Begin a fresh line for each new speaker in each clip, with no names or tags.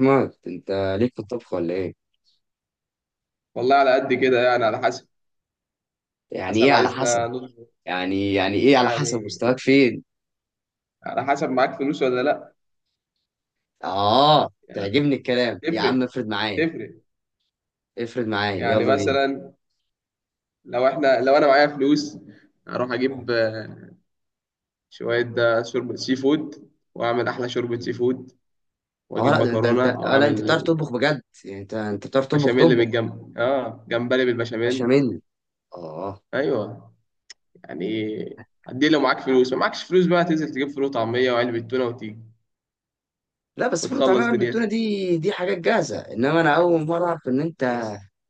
مات انت ليك في الطبخ ولا ايه؟
والله على قد كده يعني على حسب
يعني
حسب
ايه على حسب؟
عايزنا نظبط.
يعني يعني ايه على حسب
يعني
مستواك فين؟
على حسب معاك فلوس ولا لا.
اه
يعني
تعجبني الكلام يا عم،
تفرق
افرد معايا.
تفرق
افرد معايا
يعني
يلا بينا.
مثلا لو انا معايا فلوس اروح اجيب شوية ده شوربة سي فود، واعمل احلى شوربة سي فود
اه
واجيب
لا ده، ده انت
مكرونة
اه لا انت بتعرف
واعمل
تطبخ بجد، يعني انت بتعرف تطبخ
بشاميل
طبخ
بالجنب، جمبري
باشا
بالبشاميل.
مني. اه.
ايوه، يعني هدي لو معاك فلوس. ما معكش فلوس بقى تنزل تجيب فول وطعمية وعلبة تونة وتيجي
لا بس فول
وتخلص
وطعميه بالتونه
دنيتك.
دي، حاجات جاهزه، انما انا اول مره اعرف ان انت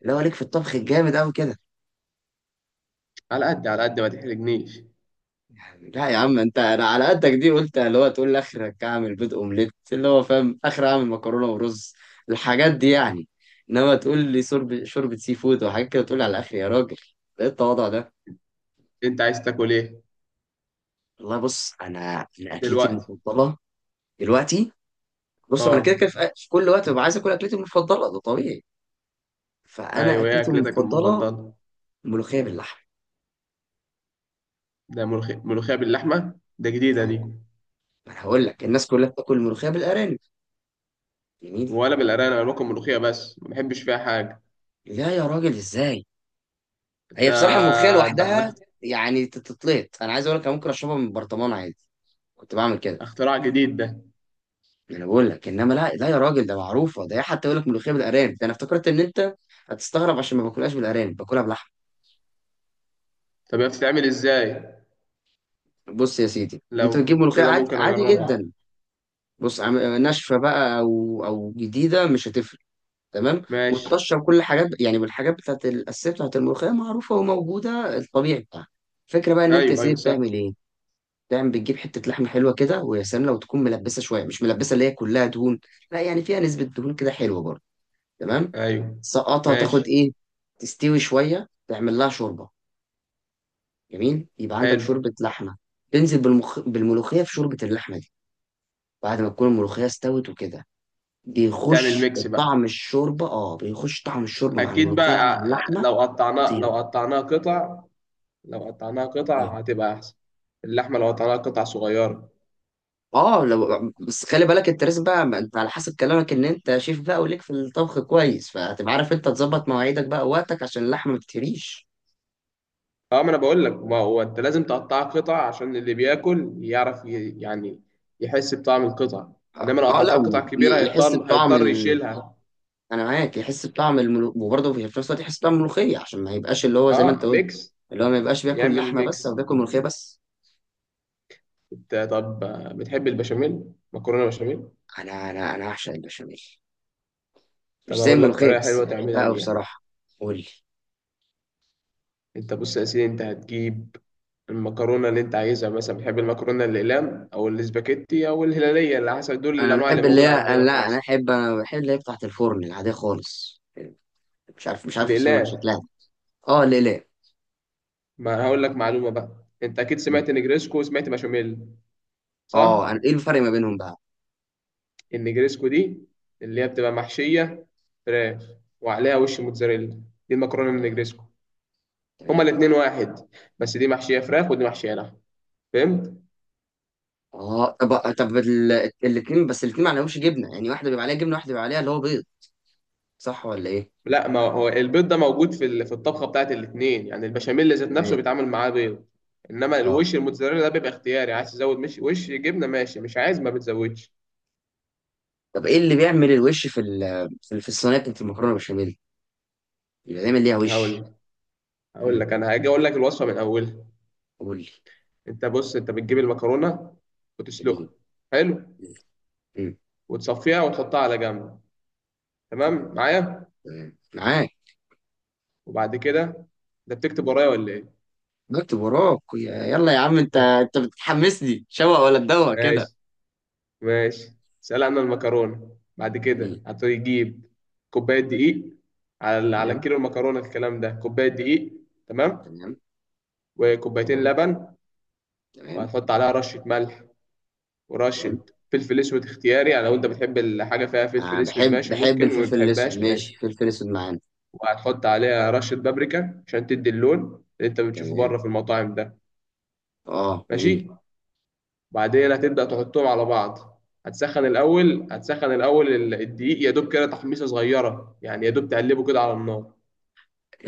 لو ليك في الطبخ الجامد قوي كده.
على قد ما تحرجنيش.
لا يا عم انت، انا على قدك، دي قلت اللي هو تقول لي اخرك اعمل بيض اومليت، اللي هو فاهم اخر اعمل مكرونه ورز، الحاجات دي يعني. انما تقول لي شرب شوربه سي فود وحاجات كده، تقول لي على الاخر يا راجل. ايه التواضع ده؟
انت عايز تاكل ايه
والله بص، انا اكلتي
دلوقتي؟
المفضله دلوقتي، بص انا كده كده
اه.
في كل وقت ببقى عايز اكل اكلتي المفضله، ده طبيعي. فانا
ايوه هي
اكلتي
اكلتك
المفضله
المفضله.
ملوخيه باللحمه.
ده ملوخيه باللحمه؟ ده جديده دي.
ف- ما انا هقول لك، الناس كلها بتاكل ملوخيه بالارانب. جميل.
ولا بالارانب، انا باكل ملوخيه بس ما بحبش فيها حاجه.
لا يا راجل ازاي، هي
ده
بصراحة الملوخية
ده,
لوحدها
ده
يعني تتطلط. أنا عايز أقول لك، أنا ممكن أشربها من برطمان عادي، كنت بعمل كده.
اختراع جديد ده.
أنا بقول لك، إنما لا يا راجل، ده معروفة. ده إيه حتى يقول لك ملوخية بالأرانب، ده أنا افتكرت إن أنت هتستغرب عشان ما باكلهاش بالأرانب، باكلها بلحمة.
طب هي بتتعمل ازاي؟
بص يا سيدي، أنت
لو
بتجيب ملوخية
كده
عادي
ممكن
عادي
اجربها.
جدا. بص ناشفة بقى أو جديدة مش هتفرق. تمام.
ماشي.
والطشة وكل حاجات يعني، بالحاجات بتاعت الأساسية بتاعت الملوخية معروفة وموجودة، الطبيعي بتاعها. الفكرة بقى إن أنت يا
ايوه
سيدي
ايوه سهل.
بتعمل إيه. دايما بتجيب حتة لحمة حلوة كده، ويا سلام لو تكون ملبسة شوية، مش ملبسة اللي هي كلها دهون، لا يعني فيها نسبة دهون كده حلوة برضه. تمام.
ايوه.
سقطها
ماشي.
تاخد ايه، تستوي شوية، تعمل لها شوربة. جميل، يبقى عندك
حلو.
شوربة لحمة. تنزل بالملوخية في شوربة اللحمة دي، بعد ما تكون الملوخية استوت وكده.
تعمل
بيخش
ميكس بقى.
طعم الشوربة، اه بيخش طعم الشوربة مع
اكيد
الملوخية
بقى.
مع اللحمة.
لو قطعناه
خطيرة.
لو قطعناه قطع. لو قطعناها قطع
اه.
هتبقى احسن، اللحمه لو قطعناها قطع صغيره.
اه لو بس خلي بالك الترس بقى، ما انت على حسب كلامك ان انت شيف بقى وليك في الطبخ كويس، فهتبقى عارف انت تظبط مواعيدك بقى ووقتك عشان اللحمه ما تتهريش.
اه، ما انا بقول لك ما هو انت لازم تقطعها قطع عشان اللي بياكل يعرف يعني يحس بطعم القطع. انما لو
اه لا،
قطعتها قطع كبيره
ويحس
هيضطر
بطعم
هيضطر يشيلها.
انا معاك، يحس بطعم وبرضه في نفس الوقت يحس بطعم الملوخيه، عشان ما يبقاش اللي هو زي ما انت
اه
قلت،
ميكس.
اللي هو ما يبقاش بياكل
يعمل
لحمه بس او
ميكس.
بياكل ملوخيه بس.
انت طب بتحب البشاميل؟ مكرونه بشاميل.
انا انا اعشق البشاميل،
طب
مش زي
اقول لك
الملوخيه
طريقه
بس
حلوه
بحبها
تعملها
قوي
بيها.
بصراحه. قول لي.
انت بص يا سيدي، انت هتجيب المكرونه اللي انت عايزها، مثلا بتحب المكرونه الاقلام او الاسباجيتي او الهلاليه، اللي حسب دول
انا
الانواع اللي
بحب اللي
موجوده
هي أنا-
عندنا في
لا انا
مصر.
احب انا بحب اللي هي بتاعت الفرن العاديه خالص، مش عارف، مش عارف اوصف لك
الاقلام.
شكلها. اه ليه ليه.
ما هقول لك معلومه بقى. انت اكيد
مم.
سمعت نجريسكو وسمعت بشاميل،
اه
صح؟
انا ايه الفرق ما بينهم بقى.
النجريسكو دي اللي هي بتبقى محشيه فراخ وعليها وش موتزاريلا، دي المكرونه
تمام.
النجريسكو. هما
تمام.
الاتنين واحد، بس دي محشيه فراخ ودي محشيه لحم، فهمت.
اه طب طب الاتنين بس، الاتنين ما عليهمش جبنه يعني، واحده بيبقى عليها جبنه، واحده بيبقى عليها اللي هو بيض، صح ولا ايه؟
لا، ما هو البيض ده موجود في الطبخه بتاعت الاتنين، يعني البشاميل ذات نفسه
تمام.
بيتعمل معاه بيض. انما
اه
الوش الموتزاريلا ده بيبقى اختياري، عايز تزود مش وش جبنه ماشي مش عايز ما بتزودش.
طب ايه اللي بيعمل الوش في ال في في الصينيه بتاعت المكرونه بشاميل، بيبقى دايما ليها
هقول
وش.
لك هقول
امم
لك انا هاجي اقول لك الوصفه من اولها.
قول لي.
انت بص، انت بتجيب المكرونه وتسلقها.
جميل.
حلو.
امم
وتصفيها وتحطها على جنب، تمام
تمام.
معايا؟
تمام معاك.
وبعد كده، ده بتكتب ورايا ولا ايه؟
بكتب وراك يلا يا عم، انت انت بتحمسني، شوق ولا تدوق كده.
ماشي ماشي. سلقنا المكرونه، بعد كده
جميل.
هتجيب كوبايه دقيق، على
تمام.
كيلو المكرونه الكلام ده كوبايه دقيق. تمام؟
تمام.
وكوبايتين
تمام.
لبن.
تمام.
وهتحط عليها رشه ملح
تمام.
ورشه فلفل اسود اختياري، يعني لو انت بتحب الحاجه فيها
آه
فلفل اسود
بحب،
ماشي
بحب
ممكن، وما
الفلفل الاسود،
بتحبهاش
ماشي،
ماشي.
فلفل اسود معانا.
وهتحط عليها رشه بابريكا عشان تدي اللون اللي انت بتشوفه
تمام.
بره في المطاعم ده.
اه جميل.
ماشي. بعدين هتبدأ تحطهم على بعض. هتسخن الأول الدقيق يا دوب كده، تحميصة صغيرة يعني، يا دوب تقلبه كده على النار.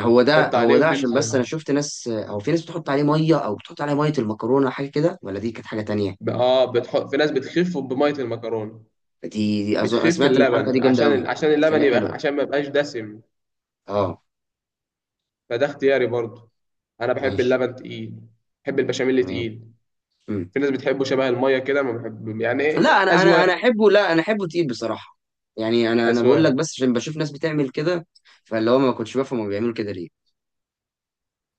هو ده
تحط
هو
عليه
ده، عشان بس
وتنزل،
انا شفت ناس، او في ناس بتحط عليه ميه، او بتحط عليه ميه المكرونه أو حاجه كده، ولا دي كانت حاجه تانية؟
بتحط. في ناس بتخف بمية المكرونة،
دي، أظن انا
بتخف
سمعت ان الحركه دي
اللبن
جامده
عشان ال-
قوي.
عشان اللبن
بتخليه
يبقى،
حلوه.
عشان ما يبقاش دسم،
اه
فده اختياري برضه. أنا بحب
ماشي.
اللبن تقيل، بحب البشاميل
تمام.
تقيل.
مم.
في ناس بتحبه شبه المية كده، ما بحب، يعني
لا
إيه،
انا انا
أذواق
احبه، لا انا احبه تقيل بصراحه. يعني انا بقول لك،
أذواق
بس عشان بشوف ناس بتعمل كده، فاللي هو ما كنتش بفهم هما بيعملوا كده ليه.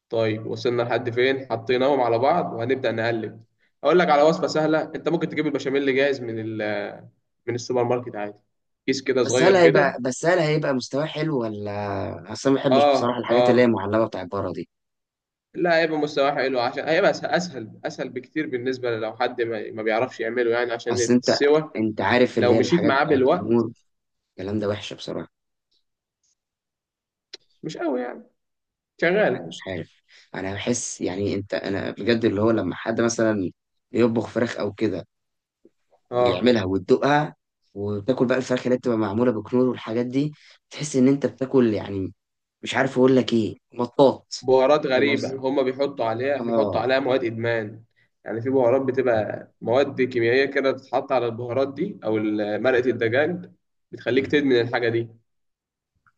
طيب وصلنا لحد فين؟ حطيناهم على بعض وهنبدأ نقلب. اقول لك على وصفة سهلة، انت ممكن تجيب البشاميل اللي جاهز من السوبر ماركت عادي، كيس كده
بس هل
صغير
هيبقى،
كده.
بس هل هيبقى مستواه حلو؟ ولا اصل أنا ما بحبش
اه
بصراحه الحاجات
اه.
اللي هي معلبه بتاعت بره دي.
لا، هيبقى مستواه حلو عشان هيبقى اسهل بكتير، بالنسبة لو حد ما بيعرفش يعمله يعني، عشان
اصل انت،
السوا
انت عارف اللي
لو
هي
مشيت
الحاجات
معاه
بتاعت
بالوقت
النور، الكلام ده وحشه بصراحه.
مش قوي يعني،
انا
شغال.
مش عارف، انا بحس يعني انت، انا بجد اللي هو لما حد مثلا يطبخ فراخ او كده،
اه
ويعملها وتدوقها وتاكل بقى الفراخ اللي بتبقى معموله بكنور والحاجات دي، تحس ان انت بتاكل يعني مش عارف اقول لك ايه، مطاط.
بهارات
فاهم
غريبة،
قصدي؟
هما بيحطوا عليها بيحطوا
اه.
عليها مواد إدمان. يعني في بهارات
م-
بتبقى مواد كيميائية كده بتتحط على البهارات دي أو
م-
مرقة الدجاج، بتخليك
م.
تدمن الحاجة دي.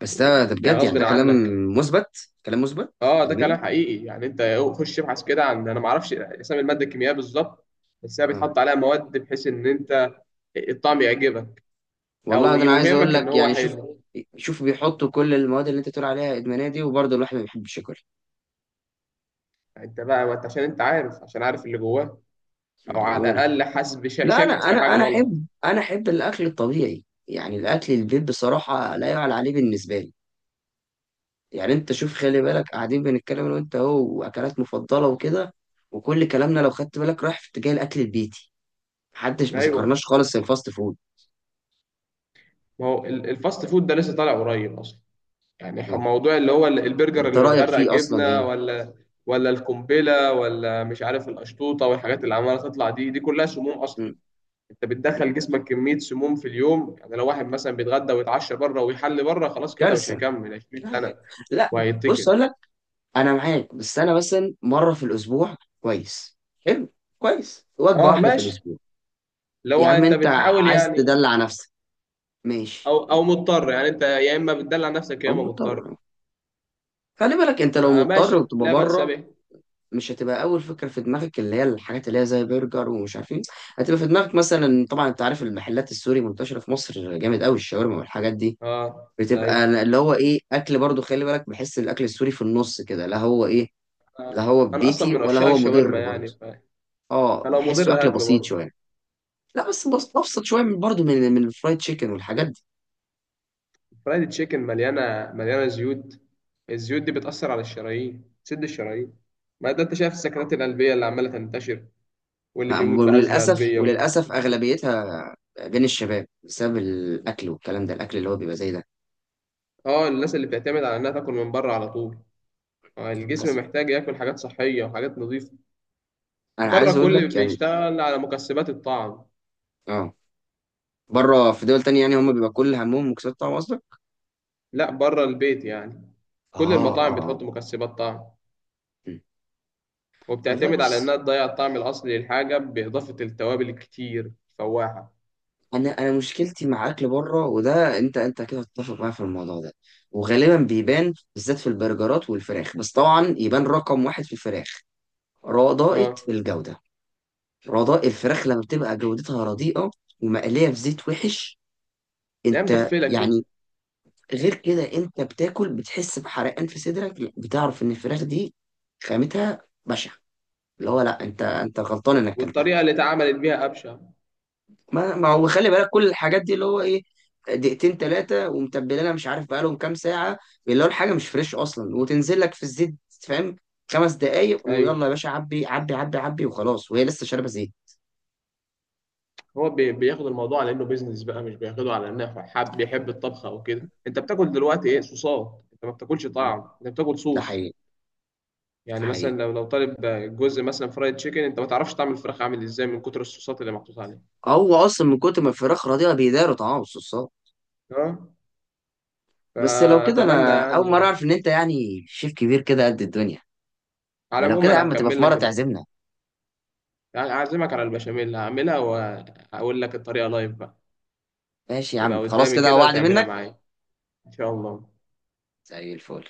بس
و-
ده ده
يعني
بجد يعني، ده
غصب
كلام
عنك.
مثبت، كلام مثبت
اه، ده
علميا.
كلام حقيقي يعني. انت خش ابحث كده عن، انا ما اعرفش اسامي الماده الكيميائيه بالظبط، بس هي
اه
بيتحط عليها مواد بحيث ان انت الطعم يعجبك او
والله ده انا عايز اقول
يوهمك ان
لك
هو
يعني، شوف
حلو.
شوف، بيحطوا كل المواد اللي انت بتقول عليها ادمانيه دي، وبرضه الواحد ما بيحبش ياكل.
يعني انت بقى، ما انت عشان انت عارف اللي جواه، او على
بقول-
الاقل حاسس بشك،
لا انا
شاكك في
انا
حاجه
انا
غلط.
احب، انا احب الاكل الطبيعي يعني، الاكل البيت بصراحه لا يعلى عليه بالنسبه لي. يعني انت شوف، خلي بالك قاعدين بنتكلم انا وانت اهو، واكلات مفضله وكده، وكل كلامنا لو خدت بالك رايح في اتجاه الاكل البيتي، محدش، ما ذكرناش
ايوه.
خالص الفاست فود.
ما هو الفاست فود ده لسه طالع قريب اصلا، يعني
اه.
موضوع اللي هو البرجر
انت
اللي
رايك
متغرق
فيه اصلا
جبنه،
ايه؟
ولا ولا القنبله ولا مش عارف القشطوطه، والحاجات اللي عماله تطلع دي كلها سموم اصلا.
م.
انت
م-
بتدخل جسمك كميه سموم في اليوم، يعني لو واحد مثلا بيتغدى ويتعشى بره ويحل بره خلاص كده مش
كارثه.
هيكمل 20
لا
سنه
بجد. لا، بص
وهيتكل.
اقول لك، انا معاك، بس انا مثلا مره في الاسبوع كويس. حلو، كويس، وجبه
اه
واحده في
ماشي،
الاسبوع.
اللي
يا
هو
عم
انت
انت
بتحاول
عايز
يعني،
تدلع نفسك، ماشي،
او مضطر، يعني انت يا اما بتدلع نفسك يا
او
اما
مضطر.
مضطر.
خلي بالك انت لو
آه
مضطر
ماشي
وتبقى
لا بأس
بره،
به.
مش هتبقى اول فكره في دماغك اللي هي الحاجات اللي هي زي برجر ومش عارف ايه، هتبقى في دماغك مثلا، طبعا انت عارف المحلات السوري منتشره في مصر جامد قوي، الشاورما والحاجات دي،
اه
بتبقى
ايوه،
اللي هو ايه، اكل برضو خلي بالك، بحس الاكل السوري في النص كده، لا هو ايه، لا هو
انا اصلا
بيتي
من
ولا
عشاق
هو
الشاورما
مضر برضه.
يعني
اه
فلو
بحسه
مضر
اكل
هاكله
بسيط
برضه.
شويه. لا بس، ابسط شويه من برضه من الفرايد تشيكن والحاجات دي.
فرايد تشيكن مليانه مليانه زيوت، الزيوت دي بتاثر على الشرايين، بتسد الشرايين. ما ده انت شايف السكتات القلبيه اللي عماله تنتشر، واللي بيموت بازمه
وللاسف،
قلبيه.
وللاسف اغلبيتها بين الشباب بسبب الاكل والكلام ده، الاكل اللي هو بيبقى زي ده.
اه، الناس اللي بتعتمد على انها تاكل من بره على طول، الجسم
للاسف.
محتاج ياكل حاجات صحيه وحاجات نظيفه.
انا
بره
عايز اقول لك
كل
يعني.
بيشتغل على مكسبات الطعم.
اه. بره في دول تانية يعني، هم بيبقى كل همهم مكسات طعم اصلا.
لا بره البيت يعني، كل
اه
المطاعم
اه.
بتحط مكسبات طعم،
م. والله
وبتعتمد على
بص،
إنها تضيع الطعم الأصلي للحاجة بإضافة التوابل الكتير الفواحة.
انا مشكلتي مع اكل بره، وده انت، انت كده هتتفق معايا في الموضوع ده، وغالبا بيبان بالذات في البرجرات والفراخ، بس طبعا يبان رقم 1 في الفراخ، رضاءة
اه.
الجودة. رضاء الفراخ لما بتبقى جودتها رديئة، ومقلية في زيت وحش،
لا
انت
مدفلة كده،
يعني غير كده، انت بتاكل بتحس بحرقان في صدرك، بتعرف ان الفراخ دي خامتها بشعة، اللي هو لا، انت انت غلطان انك اكلتها.
والطريقة اللي اتعملت بيها أبشع.
ما، هو خلي بالك كل الحاجات دي اللي هو ايه، دقيقتين 3 ومتبلينها مش عارف بقالهم كام ساعة، اللي هو الحاجة مش فريش أصلا وتنزل لك في الزيت، فاهم، 5 دقايق ويلا يا
أيوه.
باشا، عبي عبي عبي عبي وخلاص، وهي لسه شاربة زيت.
هو بياخد الموضوع على إنه بيزنس بقى، مش بياخده على إنه حب بيحب الطبخ أو كده. أنت بتاكل دلوقتي إيه؟ صوصات. أنت ما بتاكلش طعم، أنت بتاكل
ده
صوص.
حقيقي. ده
يعني مثلا
حقيقي.
لو طالب جزء مثلا فرايد تشيكن، أنت ما تعرفش طعم الفراخ عامل إزاي من كتر الصوصات اللي محطوط عليها.
هو اصلا من كتر ما الفراخ رضيعه بيداروا طعام الصوصات.
اه.
بس لو كده
فأتمنى
انا اول مره
يعني.
اعرف ان انت يعني شيف كبير كده قد الدنيا.
على
ما لو
العموم
كده يا
أنا
عم تبقى
هكمل
في مره
لك.
تعزمنا.
أعزمك على البشاميل اللي هعملها وأقول لك الطريقة لايف بقى،
ماشي يا
تبقى
عم، خلاص،
قدامي
كده
كده
وعد
وتعملها
منك.
معايا، إن شاء الله.
زي الفل.